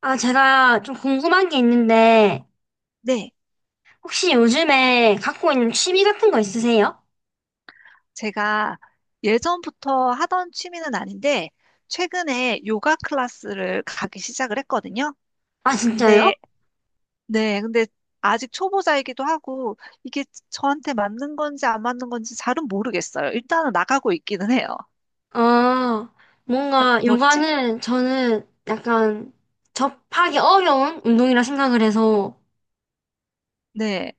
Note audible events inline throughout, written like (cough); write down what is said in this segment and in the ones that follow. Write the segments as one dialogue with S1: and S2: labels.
S1: 아, 제가 좀 궁금한 게 있는데,
S2: 네,
S1: 혹시 요즘에 갖고 있는 취미 같은 거 있으세요?
S2: 제가 예전부터 하던 취미는 아닌데, 최근에 요가 클래스를 가기 시작을 했거든요.
S1: 아, 진짜요?
S2: 근데, 네, 근데 아직 초보자이기도 하고, 이게 저한테 맞는 건지 안 맞는 건지 잘은 모르겠어요. 일단은 나가고 있기는 해요.
S1: 아, 뭔가
S2: 뭐, 취미,
S1: 요가는 저는 약간 접하기 어려운 운동이라 생각을 해서
S2: 네.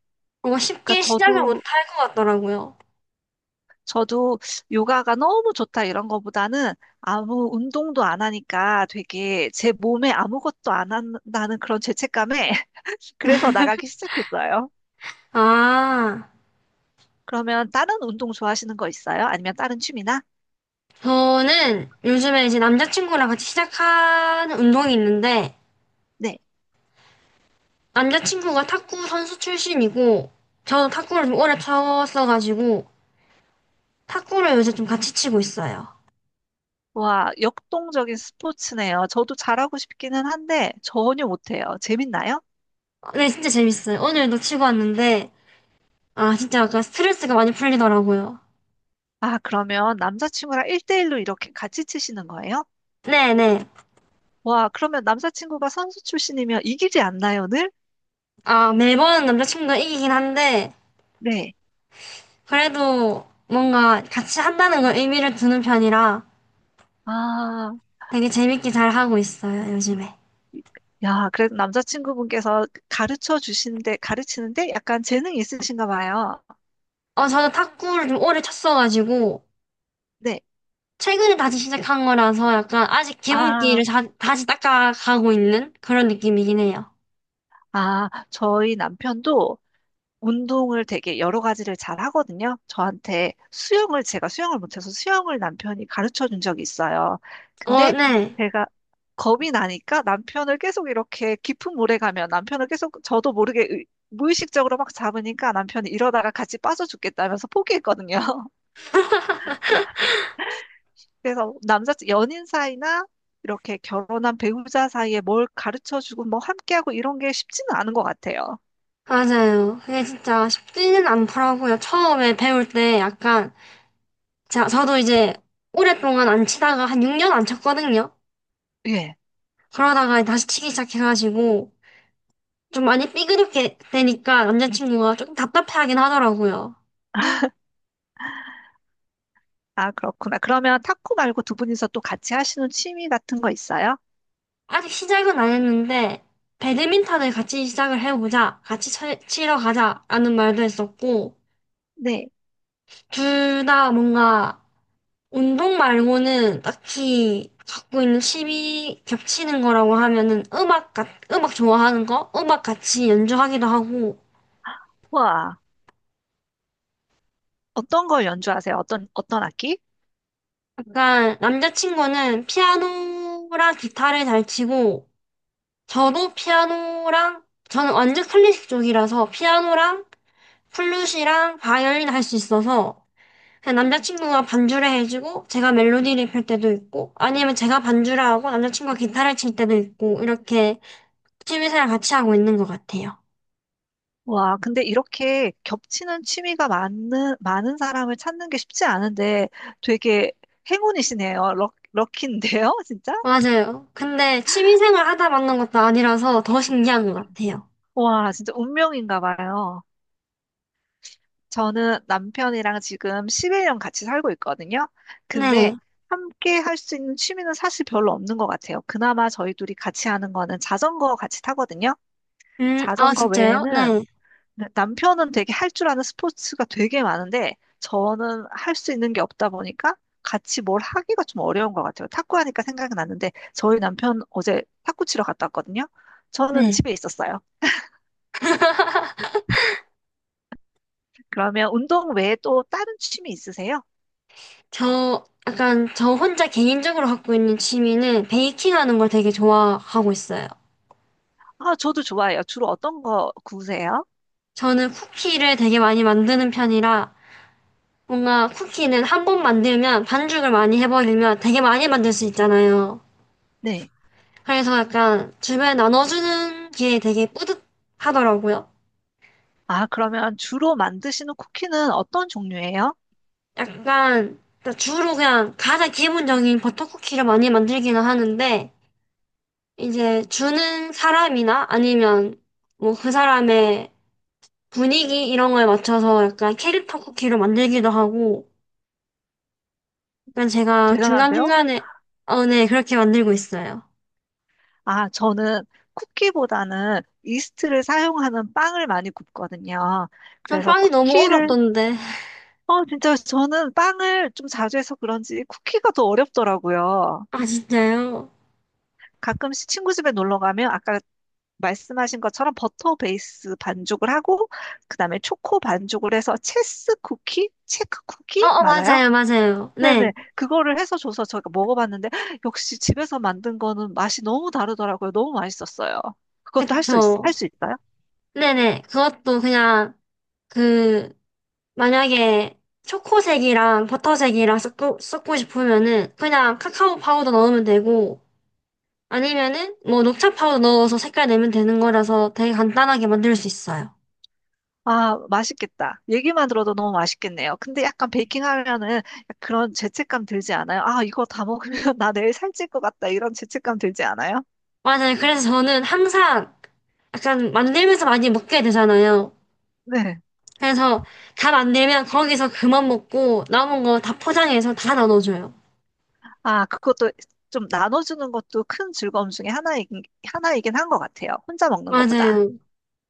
S1: 뭔가
S2: 그러니까
S1: 쉽게 시작을 못
S2: 저도,
S1: 할 것 같더라고요.
S2: 저도 요가가 너무 좋다 이런 거보다는 아무 운동도 안 하니까 되게 제 몸에 아무것도 안 한다는 그런 죄책감에 (laughs) 그래서 나가기 시작했어요.
S1: 아,
S2: 그러면 다른 운동 좋아하시는 거 있어요? 아니면 다른 취미나?
S1: 저는 요즘에 이제 남자친구랑 같이 시작하는 운동이 있는데,
S2: 네.
S1: 남자친구가 탁구 선수 출신이고, 저도 탁구를 좀 오래 쳤어가지고, 탁구를 요새 좀 같이 치고 있어요.
S2: 와, 역동적인 스포츠네요. 저도 잘하고 싶기는 한데 전혀 못해요. 재밌나요?
S1: 아, 네, 진짜 재밌어요. 오늘도 치고 왔는데, 아, 진짜 약간 스트레스가 많이 풀리더라고요.
S2: 아, 그러면 남자친구랑 1대1로 이렇게 같이 치시는 거예요?
S1: 네네.
S2: 와, 그러면 남자친구가 선수 출신이면 이기지 않나요, 늘?
S1: 아, 매번 남자친구가 이기긴 한데,
S2: 네.
S1: 그래도 뭔가 같이 한다는 걸 의미를 두는 편이라
S2: 아,
S1: 되게 재밌게 잘 하고 있어요, 요즘에.
S2: 야, 그래도 남자친구분께서 가르쳐 주시는데, 가르치는데 약간 재능이 있으신가 봐요.
S1: 어, 저는 탁구를 좀 오래 쳤어가지고,
S2: 네.
S1: 최근에 다시 시작한 거라서 약간 아직
S2: 아,
S1: 기본기를 다시 닦아가고 있는 그런 느낌이긴 해요.
S2: 아, 저희 남편도 운동을 되게 여러 가지를 잘 하거든요. 저한테 수영을, 제가 수영을 못해서 수영을 남편이 가르쳐 준 적이 있어요.
S1: 어,
S2: 근데
S1: 네.
S2: 제가 겁이 나니까 남편을 계속 이렇게 깊은 물에 가면 남편을 계속 저도 모르게 무의식적으로 막 잡으니까 남편이 이러다가 같이 빠져 죽겠다면서 포기했거든요. (laughs) 그래서 남자, 연인 사이나 이렇게 결혼한 배우자 사이에 뭘 가르쳐 주고 뭐 함께하고 이런 게 쉽지는 않은 것 같아요.
S1: 맞아요. 그게 진짜 쉽지는 않더라고요. 처음에 배울 때 약간, 자, 저도 이제 오랫동안 안 치다가 한 6년 안 쳤거든요.
S2: 예.
S1: 그러다가 다시 치기 시작해가지고, 좀 많이 삐그덕게 되니까 남자친구가 조금 답답해하긴 하더라고요.
S2: 아, 그렇구나. 그러면 탁구 말고 두 분이서 또 같이 하시는 취미 같은 거 있어요?
S1: 아직 시작은 안 했는데, 배드민턴을 같이 시작을 해보자, 같이 치러 가자라는 말도 했었고,
S2: 네.
S1: 둘 다 뭔가 운동 말고는 딱히 갖고 있는 취미 겹치는 거라고 하면은 음악, 음악 좋아하는 거? 음악 같이 연주하기도 하고.
S2: 와, 어떤 걸 연주하세요? 어떤, 어떤 악기?
S1: 약간 남자친구는 피아노랑 기타를 잘 치고, 저도 피아노랑, 저는 완전 클래식 쪽이라서 피아노랑 플룻이랑 바이올린 할 수 있어서, 그냥 남자친구가 반주를 해주고, 제가 멜로디를 펼 때도 있고, 아니면 제가 반주를 하고 남자친구가 기타를 칠 때도 있고, 이렇게 취미생활 같이 하고 있는 것 같아요.
S2: 와, 근데 이렇게 겹치는 취미가 많은, 많은 사람을 찾는 게 쉽지 않은데 되게 행운이시네요. 럭키인데요, (laughs) 진짜?
S1: 맞아요. 근데 취미생활 하다 만난 것도 아니라서 더 신기한 것 같아요.
S2: 와, 진짜 운명인가 봐요. 저는 남편이랑 지금 11년 같이 살고 있거든요.
S1: 네.
S2: 근데 함께 할 수 있는 취미는 사실 별로 없는 것 같아요. 그나마 저희 둘이 같이 하는 거는 자전거 같이 타거든요.
S1: 아,
S2: 자전거
S1: 진짜요? 네.
S2: 외에는 남편은 되게 할 줄 아는 스포츠가 되게 많은데 저는 할 수 있는 게 없다 보니까 같이 뭘 하기가 좀 어려운 것 같아요. 탁구 하니까 생각이 났는데 저희 남편 어제 탁구 치러 갔다 왔거든요. 저는
S1: 네.
S2: 집에 있었어요. 그러면 운동 외에 또 다른 취미 있으세요?
S1: 저, 약간, 저 혼자 개인적으로 갖고 있는 취미는 베이킹 하는 걸 되게 좋아하고 있어요.
S2: 아, 저도 좋아해요. 주로 어떤 거 구우세요?
S1: 저는 쿠키를 되게 많이 만드는 편이라, 뭔가 쿠키는 한 번 만들면 반죽을 많이 해버리면 되게 많이 만들 수 있잖아요.
S2: 네.
S1: 그래서 약간 주변에 나눠주는 게 되게 뿌듯하더라고요.
S2: 아, 그러면 주로 만드시는 쿠키는 어떤 종류예요?
S1: 약간 그러니까 주로 그냥 가장 기본적인 버터쿠키를 많이 만들기는 하는데 이제 주는 사람이나 아니면 뭐 그 사람의 분위기 이런 거에 맞춰서 약간 캐릭터 쿠키를 만들기도 하고 약간 제가
S2: 대단한데요?
S1: 중간중간에 어, 네 그렇게 만들고 있어요.
S2: 아, 저는 쿠키보다는 이스트를 사용하는 빵을 많이 굽거든요.
S1: 전
S2: 그래서
S1: 빵이 너무
S2: 쿠키를,
S1: 어렵던데.
S2: 어, 진짜 저는 빵을 좀 자주 해서 그런지 쿠키가 더 어렵더라고요.
S1: 아 진짜요?
S2: 가끔씩 친구 집에 놀러 가면 아까 말씀하신 것처럼 버터 베이스 반죽을 하고, 그 다음에 초코 반죽을 해서 체스 쿠키? 체크
S1: 어,
S2: 쿠키?
S1: 어
S2: 맞아요?
S1: 맞아요 맞아요. 네
S2: 네네. 그거를 해서 줘서 제가 먹어봤는데, 역시 집에서 만든 거는 맛이 너무 다르더라고요. 너무 맛있었어요. 그것도 할 수 있,
S1: 그쵸.
S2: 할수 있어요?
S1: 네네 그것도 그냥 그 만약에 초코색이랑 버터색이랑 섞고 싶으면은 그냥 카카오 파우더 넣으면 되고 아니면은 뭐 녹차 파우더 넣어서 색깔 내면 되는 거라서 되게 간단하게 만들 수 있어요.
S2: 아, 맛있겠다. 얘기만 들어도 너무 맛있겠네요. 근데 약간 베이킹 하면은 그런 죄책감 들지 않아요? 아, 이거 다 먹으면 (laughs) 나 내일 살찔 것 같다. 이런 죄책감 들지 않아요?
S1: 맞아요. 그래서 저는 항상 약간 만들면서 많이 먹게 되잖아요.
S2: 네.
S1: 그래서 다 만들면 거기서 그만 먹고 남은 거 다 포장해서 다 나눠줘요.
S2: 아, 그것도 좀 나눠주는 것도 큰 즐거움 중에 하나이긴 한 것 같아요. 혼자 먹는 것보다.
S1: 맞아요.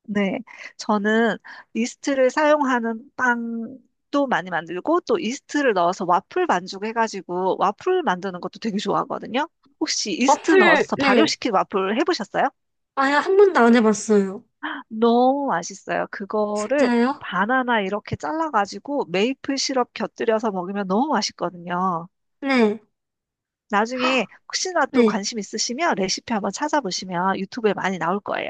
S2: 네. 저는 이스트를 사용하는 빵도 많이 만들고 또 이스트를 넣어서 와플 반죽 해가지고 와플 만드는 것도 되게 좋아하거든요. 혹시 이스트
S1: 어플,
S2: 넣어서
S1: 네.
S2: 발효시킨 와플 해보셨어요?
S1: 아예 한 번도 안 해봤어요.
S2: 너무 맛있어요. 그거를
S1: 진짜요?
S2: 바나나 이렇게 잘라가지고 메이플 시럽 곁들여서 먹으면 너무 맛있거든요.
S1: 네.
S2: 나중에 혹시나 또
S1: 네.
S2: 관심 있으시면 레시피 한번 찾아보시면 유튜브에 많이 나올 거예요.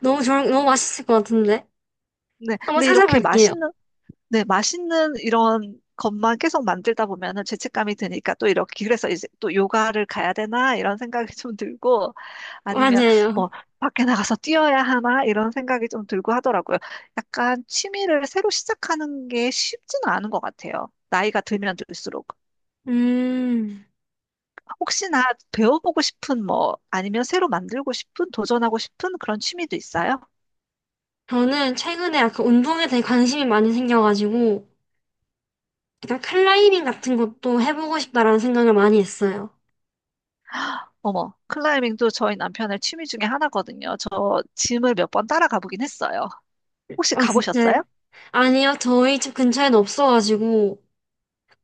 S1: 너무 좋은, 너무 맛있을 것 같은데.
S2: 네,
S1: 한번
S2: 근데 이렇게
S1: 찾아볼게요.
S2: 맛있는 네, 맛있는 이런 것만 계속 만들다 보면은 죄책감이 드니까 또 이렇게 그래서 이제 또 요가를 가야 되나 이런 생각이 좀 들고 아니면
S1: 맞아요.
S2: 뭐 밖에 나가서 뛰어야 하나 이런 생각이 좀 들고 하더라고요. 약간 취미를 새로 시작하는 게 쉽지는 않은 것 같아요. 나이가 들면 들수록
S1: 음,
S2: 혹시나 배워보고 싶은 뭐 아니면 새로 만들고 싶은 도전하고 싶은 그런 취미도 있어요?
S1: 저는 최근에 약간 운동에 대해 관심이 많이 생겨가지고, 약간 클라이밍 같은 것도 해보고 싶다라는 생각을 많이 했어요.
S2: 어머, 클라이밍도 저희 남편의 취미 중에 하나거든요. 저 짐을 몇 번 따라가 보긴 했어요. 혹시
S1: 아,
S2: 가보셨어요?
S1: 진짜요? 아니요, 저희 집 근처에는 없어가지고,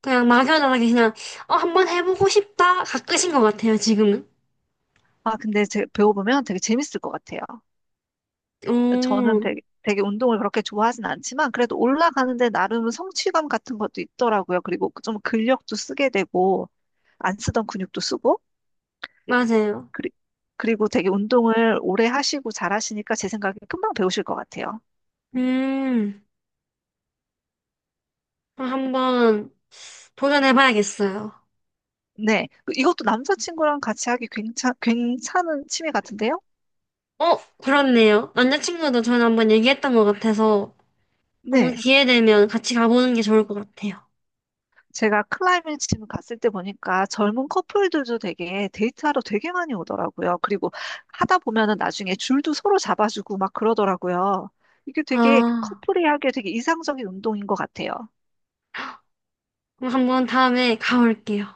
S1: 그냥 막연하게 그냥, 어, 한번 해보고 싶다? 가끔인 것 같아요, 지금은.
S2: 배워보면 되게 재밌을 것 같아요. 저는
S1: 오,
S2: 되게 운동을 그렇게 좋아하진 않지만, 그래도 올라가는데 나름 성취감 같은 것도 있더라고요. 그리고 좀 근력도 쓰게 되고, 안 쓰던 근육도 쓰고,
S1: 맞아요.
S2: 그리, 그리고 되게 운동을 오래 하시고 잘하시니까 제 생각에 금방 배우실 것 같아요.
S1: 음, 어, 한번 도전해봐야겠어요.
S2: 네. 이것도 남자친구랑 같이 하기 괜찮은 취미 같은데요?
S1: 어, 그렇네요. 남자친구도 저는 한번 얘기했던 것 같아서, 한 번
S2: 네.
S1: 기회 되면 같이 가보는 게 좋을 것 같아요.
S2: 제가 클라이밍 짐 갔을 때 보니까 젊은 커플들도 되게 데이트하러 되게 많이 오더라고요. 그리고 하다 보면은 나중에 줄도 서로 잡아주고 막 그러더라고요. 이게 되게
S1: 아,
S2: 커플이 하기에 되게 이상적인 운동인 것 같아요.
S1: 그럼 한 번 다음에 가볼게요.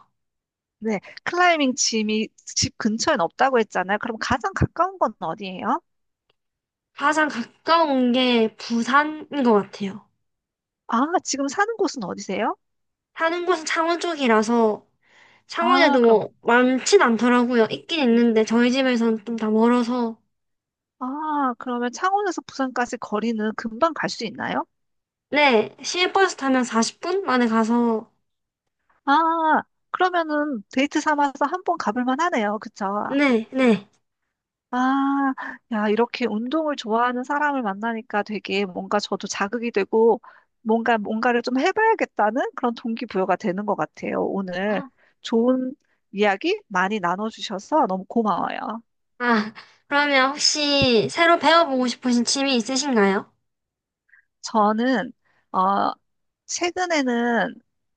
S2: 네, 클라이밍 짐이 집 근처엔 없다고 했잖아요. 그럼 가장 가까운 건 어디예요?
S1: 가장 가까운 게 부산인 것 같아요.
S2: 아, 지금 사는 곳은 어디세요?
S1: 사는 곳은 창원 쪽이라서
S2: 아,
S1: 창원에도
S2: 그럼, 부-
S1: 뭐 많진 않더라고요. 있긴 있는데 저희 집에서는 좀 다 멀어서
S2: 아, 그러면 창원에서 부산까지 거리는 금방 갈 수 있나요?
S1: 네, 시외버스 타면 40분 만에 가서
S2: 아, 그러면은 데이트 삼아서 한번 가볼 만하네요. 그쵸?
S1: 네, 네.
S2: 아, 야, 이렇게 운동을 좋아하는 사람을 만나니까 되게 뭔가 저도 자극이 되고 뭔가 뭔가를 좀 해봐야겠다는 그런 동기부여가 되는 것 같아요. 오늘 좋은 이야기 많이 나눠주셔서 너무 고마워요.
S1: 아, 그러면 혹시 새로 배워보고 싶으신 취미 있으신가요?
S2: 저는, 어, 최근에는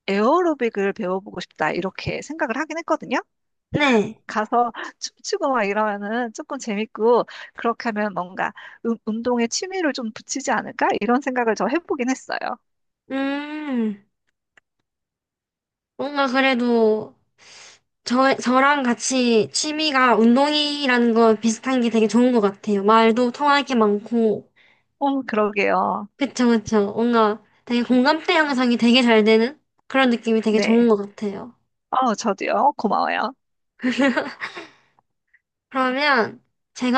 S2: 에어로빅을 배워보고 싶다, 이렇게 생각을 하긴 했거든요.
S1: 네.
S2: 가서 (laughs) 춤추고 막 이러면은 조금 재밌고, 그렇게 하면 뭔가 운동에 취미를 좀 붙이지 않을까? 이런 생각을 저 해보긴 했어요.
S1: 음, 뭔가 그래도 저, 저랑 같이 취미가 운동이라는 거 비슷한 게 되게 좋은 것 같아요. 말도 통할 게 많고.
S2: 어, 그러게요.
S1: 그쵸, 그쵸. 뭔가 되게 공감대 형성이 되게 잘 되는 그런 느낌이 되게 좋은
S2: 네.
S1: 것 같아요.
S2: 어, 저도요. 고마워요.
S1: (laughs) 그러면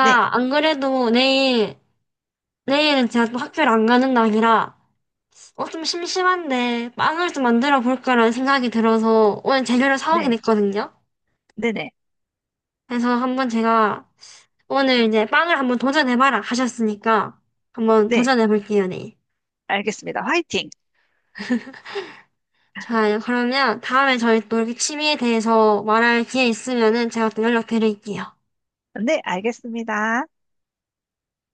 S2: 네,
S1: 안 그래도 내일, 내일은 제가 또 학교를 안 가는 날이라 어, 좀 심심한데 빵을 좀 만들어 볼까라는 생각이 들어서 오늘 재료를 사오긴
S2: 네,
S1: 했거든요.
S2: 네네,
S1: 그래서 한번 제가 오늘 이제 빵을 한번 도전해봐라 하셨으니까 한번
S2: 네.
S1: 도전해볼게요, 네.
S2: 알겠습니다. 화이팅!
S1: 자, 그러면 다음에 저희 또 이렇게 취미에 대해서 말할 기회 있으면은 제가 또 연락드릴게요.
S2: 네, 알겠습니다.